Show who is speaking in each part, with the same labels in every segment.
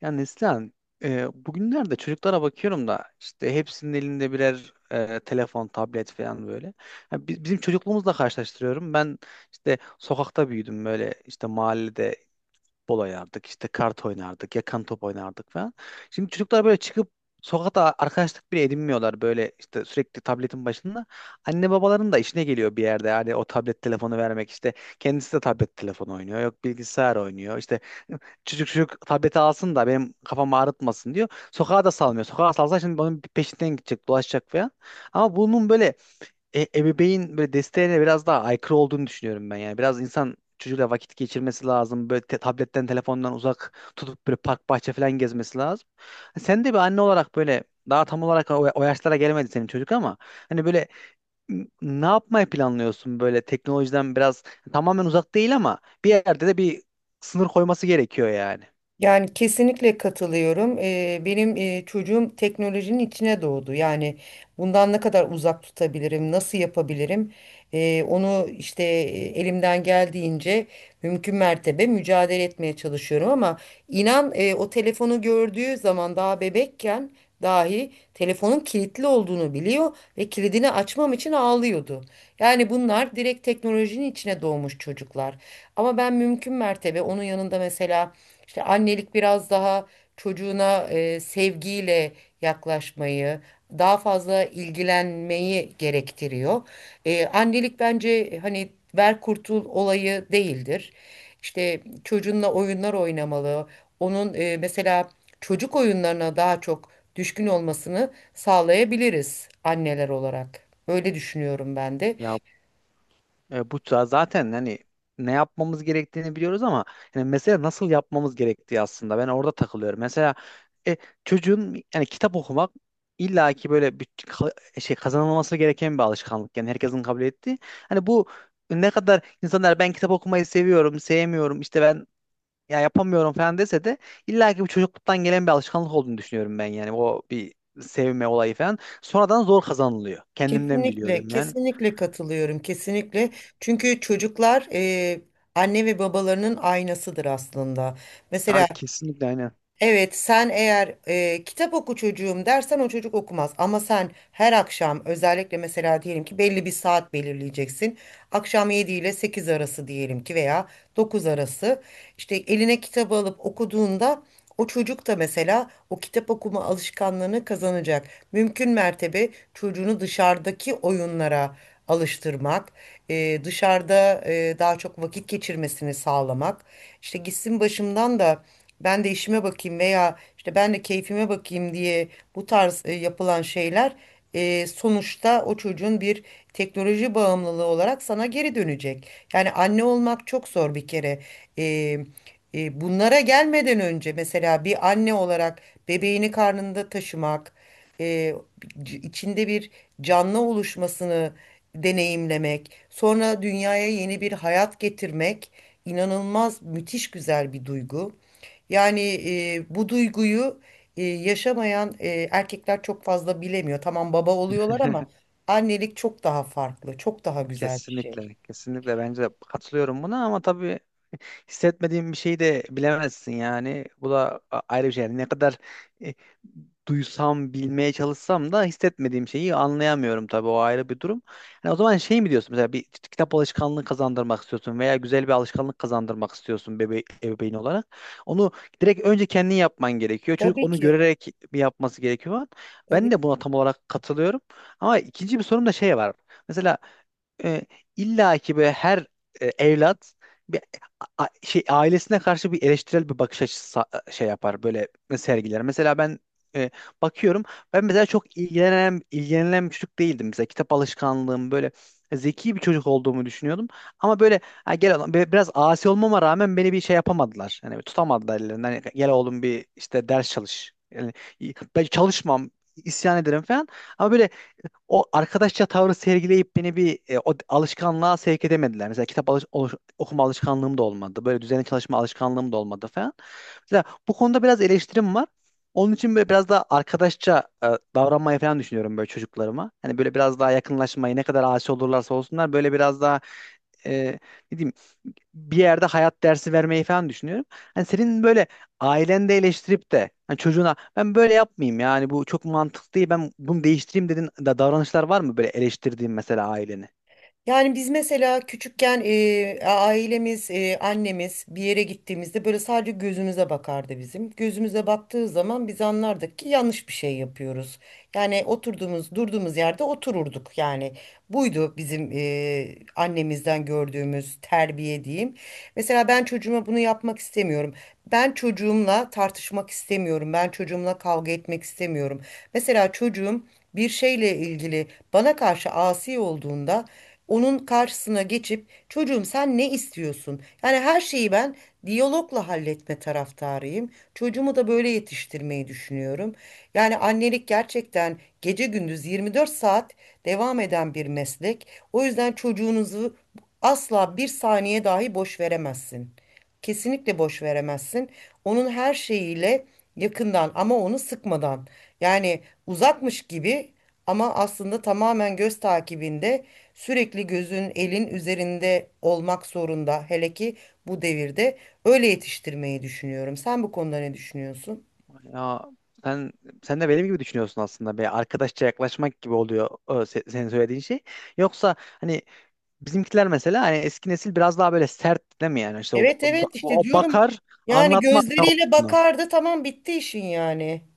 Speaker 1: Ya Neslihan, bugünlerde çocuklara bakıyorum da işte hepsinin elinde birer telefon, tablet falan böyle. Ya bizim çocukluğumuzla karşılaştırıyorum. Ben işte sokakta büyüdüm böyle işte mahallede bol oynardık, işte kart oynardık, yakan top oynardık falan. Şimdi çocuklar böyle çıkıp sokakta arkadaşlık bile edinmiyorlar, böyle işte sürekli tabletin başında. Anne babaların da işine geliyor bir yerde, yani o tablet telefonu vermek, işte kendisi de tablet telefonu oynuyor, yok bilgisayar oynuyor, işte çocuk tableti alsın da benim kafamı ağrıtmasın diyor. Sokağa da salmıyor, sokağa salsa şimdi onun peşinden gidecek, dolaşacak falan. Ama bunun böyle ebeveyn böyle desteğine biraz daha aykırı olduğunu düşünüyorum ben yani. Biraz insan çocuğuyla vakit geçirmesi lazım. Böyle tabletten, telefondan uzak tutup böyle park, bahçe falan gezmesi lazım. Sen de bir anne olarak böyle daha tam olarak o yaşlara gelmedi senin çocuk, ama hani böyle ne yapmayı planlıyorsun? Böyle teknolojiden biraz, tamamen uzak değil ama bir yerde de bir sınır koyması gerekiyor yani.
Speaker 2: Yani kesinlikle katılıyorum. Benim çocuğum teknolojinin içine doğdu. Yani bundan ne kadar uzak tutabilirim, nasıl yapabilirim? Onu işte elimden geldiğince mümkün mertebe mücadele etmeye çalışıyorum ama inan o telefonu gördüğü zaman daha bebekken dahi telefonun kilitli olduğunu biliyor ve kilidini açmam için ağlıyordu. Yani bunlar direkt teknolojinin içine doğmuş çocuklar. Ama ben mümkün mertebe onun yanında mesela işte annelik biraz daha çocuğuna sevgiyle yaklaşmayı, daha fazla ilgilenmeyi gerektiriyor. Annelik bence hani ver kurtul olayı değildir. İşte çocuğunla oyunlar oynamalı. Onun mesela çocuk oyunlarına daha çok düşkün olmasını sağlayabiliriz anneler olarak. Öyle düşünüyorum ben de.
Speaker 1: Ya bu zaten hani ne yapmamız gerektiğini biliyoruz ama yani mesela nasıl yapmamız gerektiği, aslında ben orada takılıyorum. Mesela e, çocuğun yani kitap okumak illaki böyle bir şey, kazanılması gereken bir alışkanlık. Yani herkesin kabul ettiği. Hani bu ne kadar insanlar ben kitap okumayı seviyorum, sevmiyorum, işte ben ya yapamıyorum falan dese de illaki bu çocukluktan gelen bir alışkanlık olduğunu düşünüyorum ben yani, o bir sevme olayı falan. Sonradan zor kazanılıyor. Kendimden
Speaker 2: Kesinlikle,
Speaker 1: biliyorum yani.
Speaker 2: kesinlikle katılıyorum, kesinlikle. Çünkü çocuklar anne ve babalarının aynasıdır aslında. Mesela.
Speaker 1: Ay kesinlikle, aynen.
Speaker 2: Evet, sen eğer kitap oku çocuğum dersen o çocuk okumaz. Ama sen her akşam özellikle mesela diyelim ki belli bir saat belirleyeceksin. Akşam 7 ile 8 arası diyelim ki veya 9 arası. İşte eline kitabı alıp okuduğunda o çocuk da mesela o kitap okuma alışkanlığını kazanacak. Mümkün mertebe çocuğunu dışarıdaki oyunlara alıştırmak, dışarıda daha çok vakit geçirmesini sağlamak. İşte gitsin başımdan da ben de işime bakayım veya işte ben de keyfime bakayım diye bu tarz yapılan şeyler sonuçta o çocuğun bir teknoloji bağımlılığı olarak sana geri dönecek. Yani anne olmak çok zor bir kere. E, Bunlara gelmeden önce mesela bir anne olarak bebeğini karnında taşımak, e, içinde bir canlı oluşmasını deneyimlemek, sonra dünyaya yeni bir hayat getirmek inanılmaz müthiş güzel bir duygu. Yani bu duyguyu yaşamayan erkekler çok fazla bilemiyor. Tamam baba oluyorlar ama annelik çok daha farklı, çok daha güzel bir şey.
Speaker 1: Kesinlikle, kesinlikle bence de katılıyorum buna ama tabii hissetmediğim bir şeyi de bilemezsin yani. Bu da ayrı bir şey. Yani ne kadar e, duysam, bilmeye çalışsam da hissetmediğim şeyi anlayamıyorum tabii, o ayrı bir durum. Yani o zaman şey mi diyorsun, mesela bir kitap alışkanlığı kazandırmak istiyorsun veya güzel bir alışkanlık kazandırmak istiyorsun bebe ebeveyn olarak. Onu direkt önce kendin yapman gerekiyor. Çocuk
Speaker 2: Tabii
Speaker 1: onu
Speaker 2: ki.
Speaker 1: görerek bir yapması gerekiyor. Ben
Speaker 2: Tabii.
Speaker 1: de buna tam olarak katılıyorum. Ama ikinci bir sorun da şey var. Mesela e, illa ki böyle her evlat bir şey, ailesine karşı bir eleştirel bir bakış açısı şey yapar, böyle sergiler. Mesela ben e, bakıyorum, ben mesela çok ilgilenen bir çocuk değildim, mesela kitap alışkanlığım böyle, zeki bir çocuk olduğumu düşünüyordum. Ama böyle ha, gel oğlum, biraz asi olmama rağmen beni bir şey yapamadılar. Hani tutamadılar ellerinden. Hani, gel oğlum bir işte ders çalış. Yani, ben çalışmam, isyan ederim falan. Ama böyle o arkadaşça tavrı sergileyip beni bir o alışkanlığa sevk edemediler. Mesela kitap okuma alışkanlığım da olmadı. Böyle düzenli çalışma alışkanlığım da olmadı falan. Mesela bu konuda biraz eleştirim var. Onun için böyle biraz daha arkadaşça davranmayı falan düşünüyorum böyle çocuklarıma. Hani böyle biraz daha yakınlaşmayı, ne kadar asi olurlarsa olsunlar, böyle biraz daha e, ne diyeyim, bir yerde hayat dersi vermeyi falan düşünüyorum. Hani senin böyle aileni de eleştirip de hani çocuğuna ben böyle yapmayayım, yani bu çok mantıklı değil, ben bunu değiştireyim dedin da davranışlar var mı böyle eleştirdiğin mesela aileni?
Speaker 2: Yani biz mesela küçükken ailemiz, annemiz bir yere gittiğimizde böyle sadece gözümüze bakardı bizim. Gözümüze baktığı zaman biz anlardık ki yanlış bir şey yapıyoruz. Yani oturduğumuz, durduğumuz yerde otururduk. Yani buydu bizim annemizden gördüğümüz terbiye diyeyim. Mesela ben çocuğuma bunu yapmak istemiyorum. Ben çocuğumla tartışmak istemiyorum. Ben çocuğumla kavga etmek istemiyorum. Mesela çocuğum bir şeyle ilgili bana karşı asi olduğunda onun karşısına geçip çocuğum sen ne istiyorsun? Yani her şeyi ben diyalogla halletme taraftarıyım. Çocuğumu da böyle yetiştirmeyi düşünüyorum. Yani annelik gerçekten gece gündüz 24 saat devam eden bir meslek. O yüzden çocuğunuzu asla bir saniye dahi boş veremezsin. Kesinlikle boş veremezsin. Onun her şeyiyle yakından ama onu sıkmadan. Yani uzakmış gibi ama aslında tamamen göz takibinde sürekli gözün elin üzerinde olmak zorunda. Hele ki bu devirde öyle yetiştirmeyi düşünüyorum. Sen bu konuda ne düşünüyorsun?
Speaker 1: Ya sen sen de benim gibi düşünüyorsun aslında. Bir arkadaşça yaklaşmak gibi oluyor o senin söylediğin şey. Yoksa hani bizimkiler mesela, hani eski nesil biraz daha böyle sert değil mi yani? İşte
Speaker 2: Evet, evet, işte
Speaker 1: o
Speaker 2: diyorum
Speaker 1: bakar,
Speaker 2: yani
Speaker 1: anlatmaz.
Speaker 2: gözleriyle bakardı tamam bitti işin yani.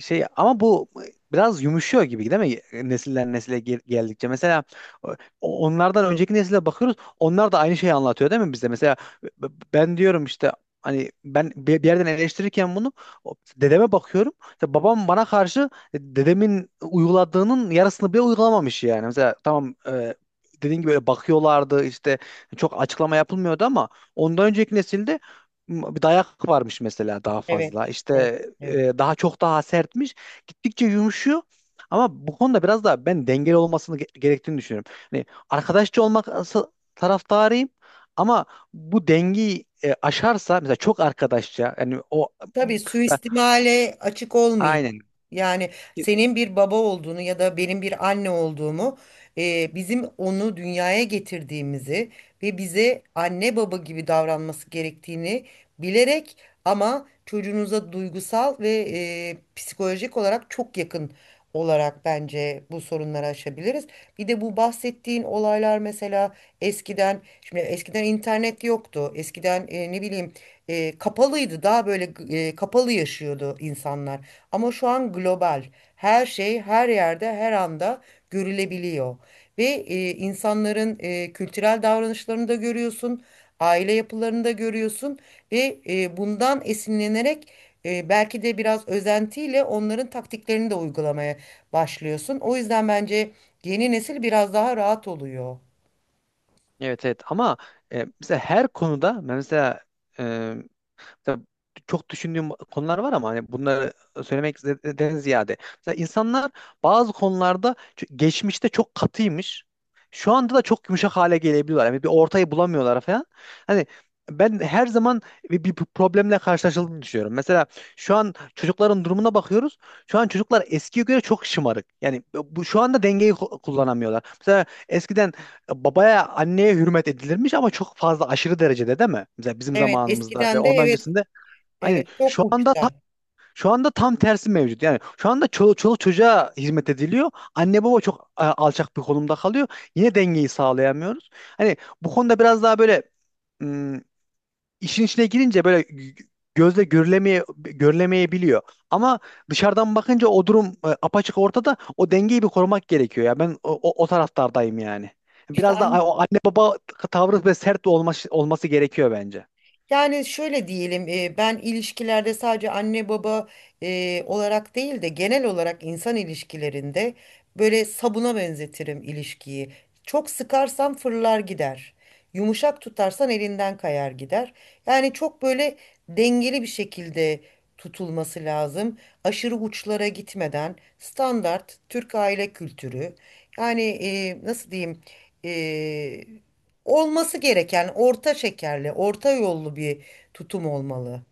Speaker 1: Şey ama bu biraz yumuşuyor gibi değil mi? Nesiller nesile geldikçe. Mesela o- onlardan önceki nesile bakıyoruz. Onlar da aynı şeyi anlatıyor değil mi bize? Mesela b- ben diyorum işte, hani ben bir yerden eleştirirken bunu dedeme bakıyorum. İşte babam bana karşı dedemin uyguladığının yarısını bile uygulamamış yani. Mesela tamam, dediğin gibi öyle bakıyorlardı, işte çok açıklama yapılmıyordu, ama ondan önceki nesilde dayak varmış mesela daha
Speaker 2: Evet,
Speaker 1: fazla. İşte
Speaker 2: evet, evet.
Speaker 1: daha çok daha sertmiş. Gittikçe yumuşuyor. Ama bu konuda biraz daha ben dengeli olmasını gerektiğini düşünüyorum. Hani arkadaşça olmak taraftarıyım, ama bu dengeyi aşarsa, mesela çok arkadaşça yani o
Speaker 2: Tabii,
Speaker 1: mesela-
Speaker 2: suistimale açık olmayın.
Speaker 1: aynen.
Speaker 2: Yani senin bir baba olduğunu ya da benim bir anne olduğumu, bizim onu dünyaya getirdiğimizi ve bize anne baba gibi davranması gerektiğini bilerek ama çocuğunuza duygusal ve psikolojik olarak çok yakın olarak bence bu sorunları aşabiliriz. Bir de bu bahsettiğin olaylar mesela eskiden, şimdi eskiden internet yoktu. Eskiden ne bileyim kapalıydı. Daha böyle kapalı yaşıyordu insanlar. Ama şu an global. Her şey her yerde her anda görülebiliyor. Ve insanların kültürel davranışlarını da görüyorsun. Aile yapılarını da görüyorsun. Ve bundan esinlenerek belki de biraz özentiyle onların taktiklerini de uygulamaya başlıyorsun. O yüzden bence yeni nesil biraz daha rahat oluyor.
Speaker 1: Evet evet, ama mesela her konuda, mesela e, mesela çok düşündüğüm konular var, ama hani bunları söylemekten ziyade mesela insanlar bazı konularda geçmişte çok katıymış. Şu anda da çok yumuşak hale gelebiliyorlar. Yani bir ortayı bulamıyorlar falan. Hani ben her zaman bir problemle karşılaşıldığını düşünüyorum. Mesela şu an çocukların durumuna bakıyoruz. Şu an çocuklar eskiye göre çok şımarık. Yani bu şu anda dengeyi kullanamıyorlar. Mesela eskiden babaya, anneye hürmet edilirmiş, ama çok fazla, aşırı derecede, değil mi? Mesela bizim
Speaker 2: Evet,
Speaker 1: zamanımızda ve
Speaker 2: eskiden de
Speaker 1: ondan
Speaker 2: evet,
Speaker 1: öncesinde. Aynen.
Speaker 2: evet çok
Speaker 1: Şu anda
Speaker 2: uçta.
Speaker 1: şu anda tam tersi mevcut. Yani şu anda çoluk çocuğa hizmet ediliyor. Anne baba çok alçak bir konumda kalıyor. Yine dengeyi sağlayamıyoruz. Hani bu konuda biraz daha böyle ım, işin içine girince böyle gözle görülemeyebiliyor. Ama dışarıdan bakınca o durum apaçık ortada. O dengeyi bir korumak gerekiyor ya. Ben o taraftardayım yani.
Speaker 2: İşte.
Speaker 1: Biraz da o anne baba tavrı ve sert olması gerekiyor bence.
Speaker 2: Yani şöyle diyelim, ben ilişkilerde sadece anne baba olarak değil de genel olarak insan ilişkilerinde böyle sabuna benzetirim ilişkiyi. Çok sıkarsan fırlar gider. Yumuşak tutarsan elinden kayar gider. Yani çok böyle dengeli bir şekilde tutulması lazım. Aşırı uçlara gitmeden standart Türk aile kültürü. Yani nasıl diyeyim? E, Olması gereken orta şekerli, orta yollu bir tutum olmalı.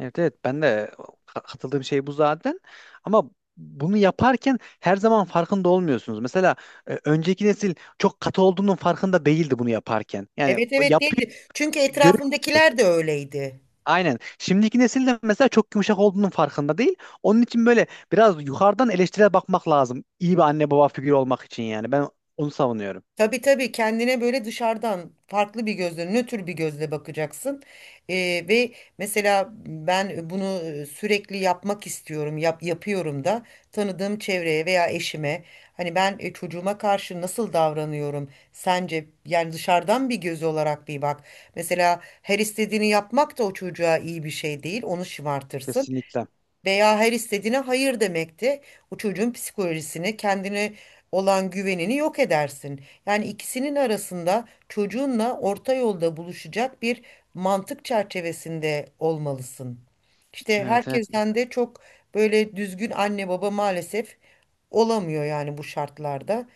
Speaker 1: Evet evet, ben de katıldığım şey bu zaten. Ama bunu yaparken her zaman farkında olmuyorsunuz. Mesela önceki nesil çok katı olduğunun farkında değildi bunu yaparken. Yani
Speaker 2: Evet,
Speaker 1: o
Speaker 2: evet,
Speaker 1: yapıyı
Speaker 2: değildi. Çünkü
Speaker 1: görüp
Speaker 2: etrafımdakiler de öyleydi.
Speaker 1: aynen. Şimdiki nesil de mesela çok yumuşak olduğunun farkında değil. Onun için böyle biraz yukarıdan eleştirel bakmak lazım. İyi bir anne baba figürü olmak için yani. Ben onu savunuyorum.
Speaker 2: Tabii, tabii, kendine böyle dışarıdan farklı bir gözle, nötr bir gözle bakacaksın. Ve mesela ben bunu sürekli yapmak istiyorum, yapıyorum da tanıdığım çevreye veya eşime. Hani ben çocuğuma karşı nasıl davranıyorum sence? Yani dışarıdan bir göz olarak bir bak. Mesela her istediğini yapmak da o çocuğa iyi bir şey değil, onu şımartırsın
Speaker 1: Kesinlikle.
Speaker 2: veya her istediğine hayır demekti. O çocuğun psikolojisini, kendine olan güvenini yok edersin. Yani ikisinin arasında çocuğunla orta yolda buluşacak bir mantık çerçevesinde olmalısın. İşte
Speaker 1: Evet evet.
Speaker 2: herkesten de çok böyle düzgün anne baba maalesef olamıyor yani bu şartlarda.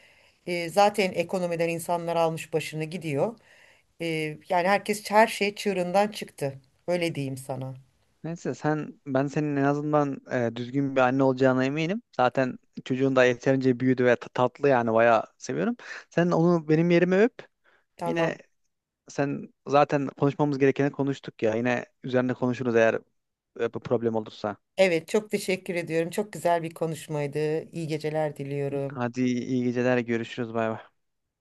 Speaker 2: Zaten ekonomiden insanlar almış başını gidiyor. Ee, Yani herkes her şey çığırından çıktı. Öyle diyeyim sana.
Speaker 1: Neyse, ben senin en azından düzgün bir anne olacağına eminim. Zaten çocuğun da yeterince büyüdü ve tatlı, yani bayağı seviyorum. Sen onu benim yerime öp. Yine
Speaker 2: Tamam.
Speaker 1: zaten konuşmamız gerekeni konuştuk ya. Yine üzerine konuşuruz eğer bu problem olursa.
Speaker 2: Evet, çok teşekkür ediyorum. Çok güzel bir konuşmaydı. İyi geceler diliyorum.
Speaker 1: Hadi iyi geceler, görüşürüz, bay bay.